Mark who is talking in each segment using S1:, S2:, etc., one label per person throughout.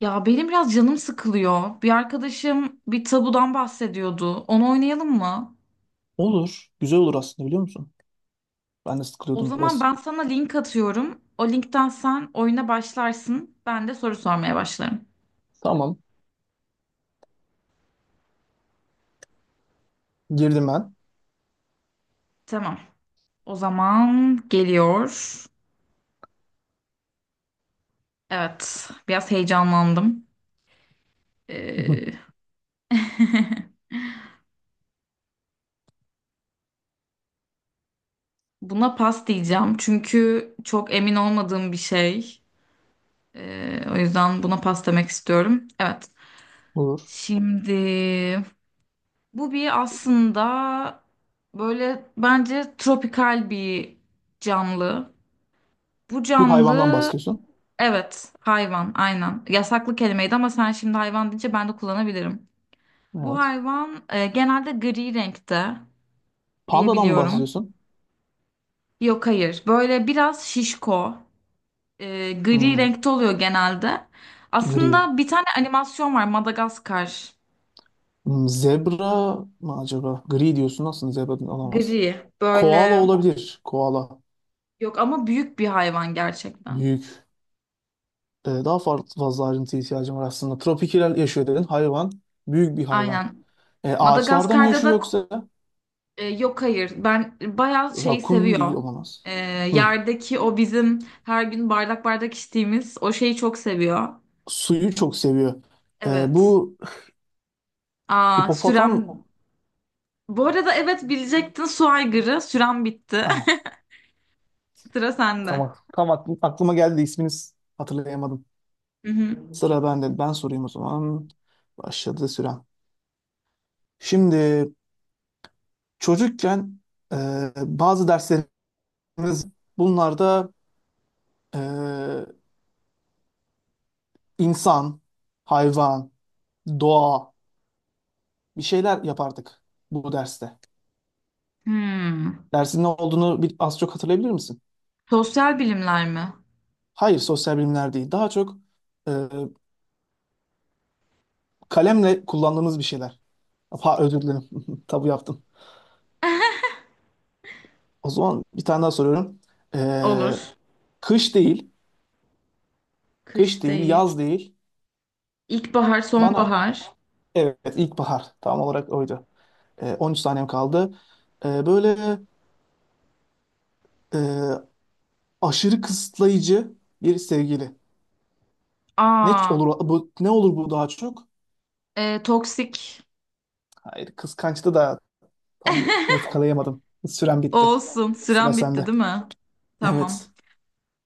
S1: Ya benim biraz canım sıkılıyor. Bir arkadaşım bir tabudan bahsediyordu. Onu oynayalım mı?
S2: Olur. Güzel olur aslında biliyor musun? Ben de
S1: O
S2: sıkılıyordum
S1: zaman
S2: biraz.
S1: ben sana link atıyorum. O linkten sen oyuna başlarsın. Ben de soru sormaya başlarım.
S2: Tamam. Girdim ben.
S1: Tamam. O zaman geliyor. Evet, biraz heyecanlandım. Ee, buna pas diyeceğim çünkü çok emin olmadığım bir şey. O yüzden buna pas demek istiyorum. Evet.
S2: Olur.
S1: Şimdi bu bir aslında böyle bence tropikal bir canlı. Bu
S2: Bir hayvandan
S1: canlı
S2: bahsediyorsun.
S1: evet, hayvan, aynen. Yasaklı kelimeydi ama sen şimdi hayvan deyince ben de kullanabilirim. Bu
S2: Evet.
S1: hayvan genelde gri renkte
S2: Pandadan mı
S1: diyebiliyorum.
S2: bahsediyorsun?
S1: Yok hayır, böyle biraz şişko, gri
S2: Hmm,
S1: renkte oluyor genelde.
S2: Gri.
S1: Aslında bir tane animasyon var, Madagaskar.
S2: Zebra mı acaba? Gri diyorsun. Aslında zebra olamaz.
S1: Gri
S2: Koala
S1: böyle,
S2: olabilir. Koala.
S1: yok ama büyük bir hayvan gerçekten.
S2: Büyük. Daha farklı fazla ayrıntı ihtiyacım var aslında. Tropikal yaşıyor dedin. Hayvan. Büyük bir hayvan.
S1: Aynen.
S2: Ağaçlarda mı
S1: Madagaskar'da
S2: yaşıyor
S1: da
S2: yoksa?
S1: yok hayır. Ben bayağı şey
S2: Rakun değil
S1: seviyor.
S2: olamaz.
S1: E,
S2: Hmm,
S1: Yerdeki o bizim her gün bardak bardak içtiğimiz o şeyi çok seviyor.
S2: Suyu çok seviyor.
S1: Evet.
S2: Bu
S1: Aa
S2: Hipopotam.
S1: sürem. Bu arada evet, bilecektin, su aygırı. Sürem bitti.
S2: Ah,
S1: Sıra sende.
S2: tamam, tam aklıma geldi de isminiz hatırlayamadım.
S1: Hı hı.
S2: Sıra bende. Ben sorayım o zaman. Başladı süren. Şimdi çocukken e, bazı derslerimiz bunlarda e, insan, hayvan, doğa bir şeyler yapardık bu derste.
S1: Hmm.
S2: Dersin ne olduğunu az çok hatırlayabilir misin?
S1: Sosyal bilimler mi?
S2: Hayır, sosyal bilimler değil. Daha çok e, kalemle kullandığımız bir şeyler. Ha, özür dilerim. Tabu yaptım. O zaman bir tane daha soruyorum. Ee,
S1: Olur.
S2: Kış değil, kış
S1: Kış
S2: değil,
S1: değil.
S2: yaz değil.
S1: İlkbahar,
S2: Bana,
S1: sonbahar.
S2: evet, ilkbahar tam olarak oydu. 13 saniyem kaldı. Böyle e, aşırı kısıtlayıcı bir sevgili. Ne
S1: Aa,
S2: olur bu, ne olur bu daha çok?
S1: toksik.
S2: Hayır, kıskançtı da tam yakalayamadım. Sürem bitti.
S1: Olsun.
S2: Sıra
S1: Sürem bitti
S2: sende.
S1: değil mi?
S2: Evet,
S1: Tamam.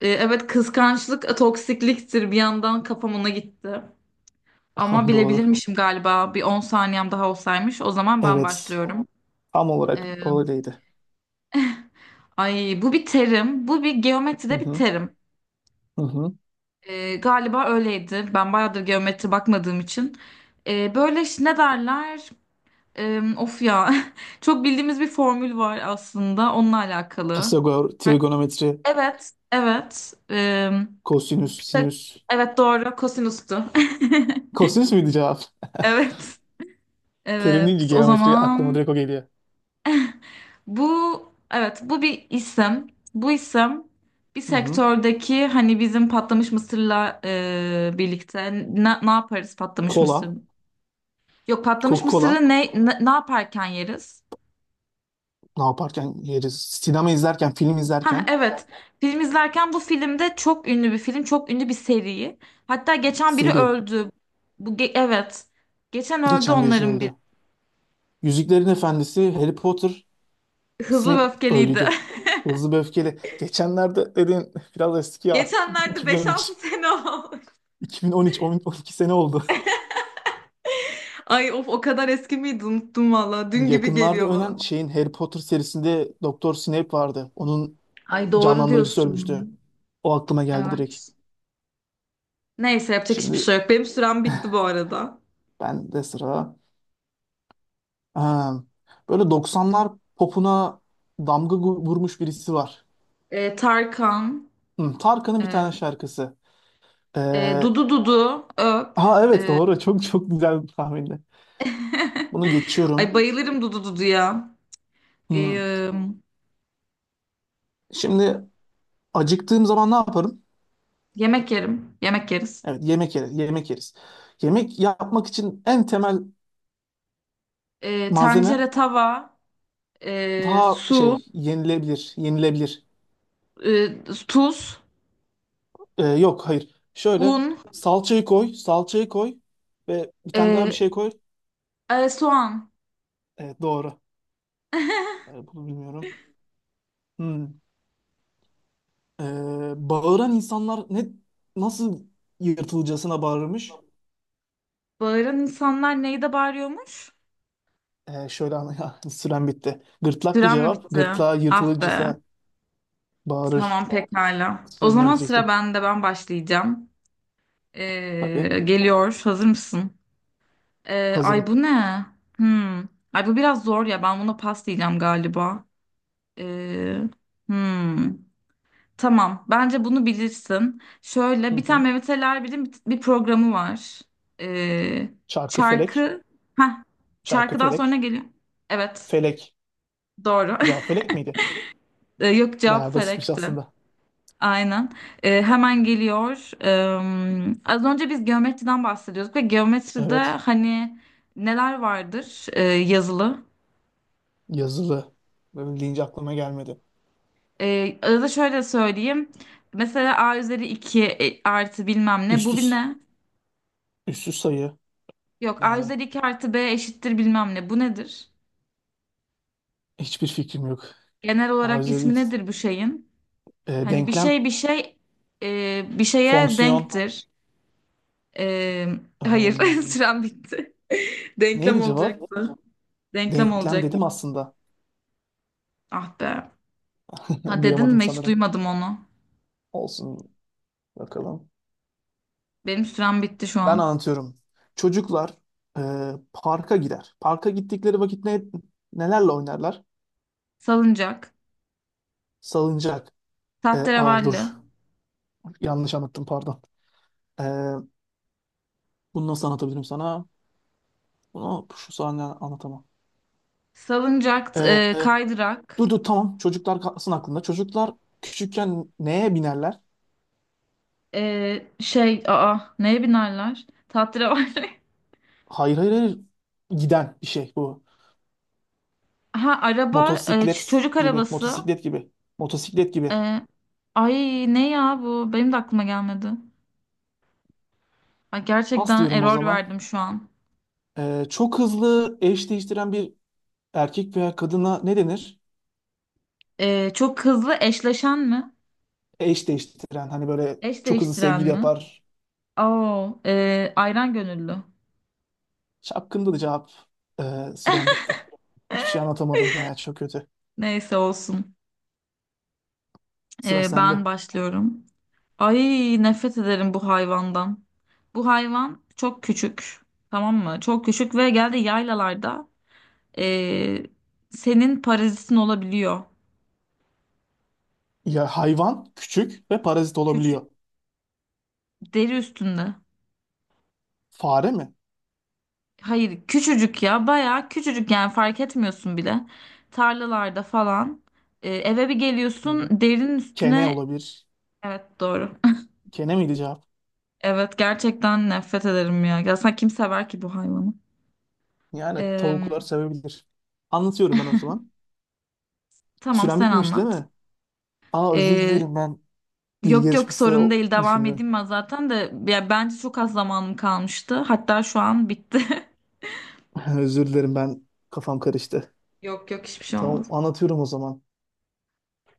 S1: Evet, kıskançlık toksikliktir. Bir yandan kafam ona gitti. Ama
S2: doğru.
S1: bilebilirmişim galiba. Bir 10 saniyem daha olsaymış. O zaman ben
S2: Evet,
S1: başlıyorum.
S2: tam olarak
S1: E,
S2: öyleydi.
S1: Ay, bu bir terim. Bu
S2: Hı
S1: geometride bir
S2: hı,
S1: terim.
S2: hı hı.
S1: Galiba öyleydi. Ben bayağıdır geometri bakmadığım için. Böyle ne derler? Of ya. Çok bildiğimiz bir formül var aslında. Onunla alakalı.
S2: Pisagor,
S1: Ay,
S2: trigonometri,
S1: evet, evet.
S2: kosinüs,
S1: Pita-
S2: sinüs.
S1: evet doğru. Kosinüstü.
S2: Kosinüs müydü cevap?
S1: Evet.
S2: Terim deyince
S1: Evet, o
S2: geometri aklıma
S1: zaman
S2: direkt o geliyor.
S1: bu, evet, bu bir isim. Bu isim bir
S2: Hı hı.
S1: sektördeki, hani bizim patlamış mısırla birlikte ne, ne yaparız patlamış mısır?
S2: Kola.
S1: Yok, patlamış
S2: Coca-Cola.
S1: mısırı ne, ne, ne yaparken yeriz?
S2: Ne yaparken yeriz? Sinema izlerken, film
S1: Ha
S2: izlerken.
S1: evet. Film izlerken, bu filmde çok ünlü bir film, çok ünlü bir seri. Hatta geçen biri
S2: Seri.
S1: öldü. Evet. Geçen öldü
S2: Geçen birisi
S1: onların biri.
S2: öldü. Yüzüklerin Efendisi, Harry Potter,
S1: Hızlı ve
S2: Snape
S1: Öfkeliydi.
S2: öldüydü. Hızlı ve Öfkeli. Geçenlerde dedin biraz eski ya.
S1: Geçenlerde beş
S2: 2013.
S1: altı sene oldu.
S2: 2013, 10 12 sene oldu.
S1: Ay of, o kadar eski miydi, unuttum valla. Dün gibi
S2: Yakınlarda
S1: geliyor
S2: ölen
S1: bana.
S2: şeyin Harry Potter serisinde Doktor Snape vardı. Onun
S1: Ay doğru
S2: canlandırıcısı
S1: diyorsun.
S2: ölmüştü. O aklıma geldi direkt.
S1: Evet. Neyse, yapacak hiçbir
S2: Şimdi
S1: şey yok. Benim sürem bitti bu arada.
S2: ben de sıra. Ha, böyle 90'lar popuna damga vurmuş birisi var.
S1: Tarkan,
S2: Hı, Tarkan'ın bir
S1: e,
S2: tane şarkısı. Ee,
S1: Dudu Dudu, Öp.
S2: ha, evet
S1: e,
S2: doğru. Çok çok güzel bir tahminde. Bunu
S1: Ay
S2: geçiyorum.
S1: bayılırım Dudu Dudu'ya.
S2: Hı.
S1: Ee,
S2: Şimdi acıktığım zaman ne yaparım?
S1: Yemek yerim. Yemek yeriz.
S2: Evet, yemek yeriz. Yemek yeriz. Yemek yapmak için en temel malzeme
S1: Tencere, tava,
S2: daha
S1: su,
S2: şey yenilebilir. Yenilebilir.
S1: tuz,
S2: Yok, hayır. Şöyle
S1: un,
S2: salçayı koy. Salçayı koy. Ve bir tane daha bir
S1: e,
S2: şey koy.
S1: soğan.
S2: Evet, doğru. Bunu bilmiyorum. Hmm. Ee, Bağıran insanlar nasıl yırtılcasına bağırmış?
S1: Bağıran insanlar neyde bağırıyormuş?
S2: Şöyle anla ya, süren bitti. Gırtlaklı
S1: Süren mi
S2: cevap.
S1: bitti?
S2: Gırtlağı
S1: Ah be.
S2: yırtılırcasına bağırır.
S1: Tamam pekala. O
S2: Sözüne
S1: zaman sıra
S2: gidecektim.
S1: bende, ben başlayacağım.
S2: Tabii.
S1: Geliyor. Hazır mısın? Ay,
S2: Hazırım.
S1: bu ne? Hmm. Ay, bu biraz zor ya. Ben buna pas diyeceğim galiba. Ee, hmm. Tamam. Bence bunu bilirsin.
S2: Hı
S1: Şöyle bir
S2: hı.
S1: tane Mehmet Ali Erbil'in bir programı var. Ee,
S2: Çarkı felek.
S1: Şarkı. Heh.
S2: Çarkı
S1: Şarkıdan sonra
S2: felek.
S1: geliyor. Evet.
S2: Felek.
S1: Doğru.
S2: Cevap felek miydi?
S1: Yok,
S2: Bayağı
S1: cevap
S2: basitmiş
S1: felekti.
S2: aslında.
S1: Aynen. Hemen geliyor. Az önce biz geometriden bahsediyorduk ve geometride
S2: Evet.
S1: hani neler vardır yazılı?
S2: Yazılı. Böyle deyince aklıma gelmedi.
S1: Arada şöyle söyleyeyim. Mesela a üzeri 2 artı bilmem ne.
S2: Üst
S1: Bu bir
S2: üst,
S1: ne?
S2: sayı.
S1: Yok, a
S2: Yani
S1: üzeri 2 artı b eşittir bilmem ne. Bu nedir?
S2: hiçbir fikrim yok.
S1: Genel olarak
S2: Arızalı.
S1: ismi nedir bu şeyin? Hani bir
S2: Denklem.
S1: şey bir şey bir şeye
S2: Fonksiyon.
S1: denktir. Ee, hayır,
S2: Ehm,
S1: sürem bitti. Denklem
S2: Neydi cevap?
S1: olacaktı. Denklem
S2: Denklem
S1: olacaktı.
S2: dedim aslında.
S1: Ah be. Ha dedin
S2: Duyamadım
S1: mi? Hiç
S2: sanırım.
S1: duymadım onu.
S2: Olsun, bakalım.
S1: Benim sürem bitti şu
S2: Ben
S1: an.
S2: anlatıyorum. Çocuklar e, parka gider. Parka gittikleri vakit nelerle oynarlar?
S1: Salıncak,
S2: Salıncak. Aa,
S1: tahterevalli,
S2: dur, yanlış anlattım, pardon. E, Bunu nasıl anlatabilirim sana? Bunu şu sahne anlatamam. E,
S1: salıncak,
S2: e,
S1: kaydırak,
S2: Dur dur, tamam, çocuklar kalsın aklında. Çocuklar küçükken neye binerler?
S1: şey, aa, neye binerler? Tahterevalli.
S2: Hayır, hayır, hayır, giden bir şey bu.
S1: Ha araba,
S2: Motosiklet
S1: çocuk
S2: gibi,
S1: arabası.
S2: motosiklet gibi, motosiklet gibi.
S1: E, Ay, ne ya bu? Benim de aklıma gelmedi. Ay,
S2: Pas
S1: gerçekten
S2: diyorum o
S1: error
S2: zaman.
S1: verdim şu an.
S2: Çok hızlı eş değiştiren bir erkek veya kadına ne denir?
S1: Çok hızlı eşleşen mi?
S2: Eş değiştiren, hani böyle
S1: Eş
S2: çok hızlı
S1: değiştiren
S2: sevgili
S1: mi?
S2: yapar.
S1: Oo, ayran gönüllü.
S2: Şapkında da cevap. Süren bitti. Hiçbir şey anlatamadım ya, çok kötü.
S1: Neyse olsun.
S2: Sıra sende.
S1: Ben başlıyorum. Ay nefret ederim bu hayvandan. Bu hayvan çok küçük. Tamam mı? Çok küçük ve geldi yaylalarda, eee, senin parazitin olabiliyor.
S2: Ya hayvan küçük ve parazit
S1: Küç
S2: olabiliyor.
S1: deri üstünde.
S2: Fare mi?
S1: Hayır, küçücük ya, bayağı küçücük, yani fark etmiyorsun bile. Tarlalarda falan. Eve bir geliyorsun, derinin
S2: Kene
S1: üstüne.
S2: olabilir.
S1: Evet doğru.
S2: Kene miydi cevap?
S1: Evet, gerçekten nefret ederim ya. Ya sen kim sever ki bu hayvanı?
S2: Yani
S1: Eee,
S2: tavuklar sevebilir. Anlatıyorum ben o zaman.
S1: tamam,
S2: Süren
S1: sen
S2: bitmiş değil
S1: anlat.
S2: mi? Aa, özür
S1: Ee,
S2: dilerim, ben bilgi
S1: Yok yok,
S2: yarışması
S1: sorun değil, devam
S2: düşündüm.
S1: edeyim ben zaten de ya, bence çok az zamanım kalmıştı. Hatta şu an bitti.
S2: Özür dilerim, ben kafam karıştı.
S1: Yok yok, hiçbir şey
S2: Tamam,
S1: olmaz.
S2: anlatıyorum o zaman.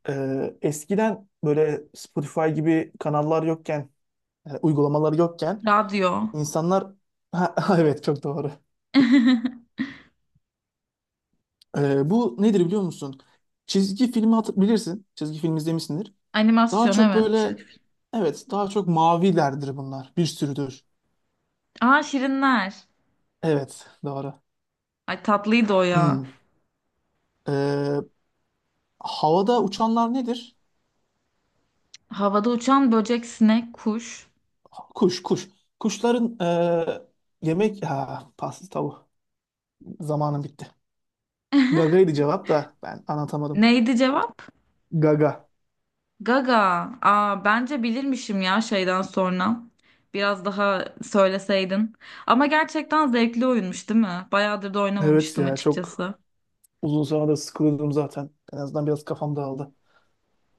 S2: Eskiden böyle Spotify gibi kanallar yokken, yani uygulamalar yokken
S1: Radyo.
S2: insanlar... Ha, evet, çok doğru. Bu nedir biliyor musun? Çizgi filmi bilirsin. Çizgi film izlemişsindir. Daha
S1: Animasyon
S2: çok
S1: evet.
S2: böyle...
S1: Çizgi film.
S2: Evet, daha çok mavilerdir bunlar. Bir sürüdür.
S1: Aa, Şirinler.
S2: Evet, doğru.
S1: Ay tatlıydı o ya.
S2: Hmm. Ee, Havada uçanlar nedir?
S1: Havada uçan böcek, sinek, kuş.
S2: Kuş, kuş. Kuşların yemek... Ha, pasta tavuğu. Zamanım bitti. Gaga'ydı cevap da, ben anlatamadım.
S1: Neydi cevap?
S2: Gaga.
S1: Gaga. Aa, bence bilirmişim ya şeyden sonra. Biraz daha söyleseydin. Ama gerçekten zevkli oyunmuş değil mi? Bayağıdır da
S2: Evet
S1: oynamamıştım
S2: ya, çok
S1: açıkçası.
S2: uzun sonra da sıkıldım zaten. En azından biraz kafam dağıldı.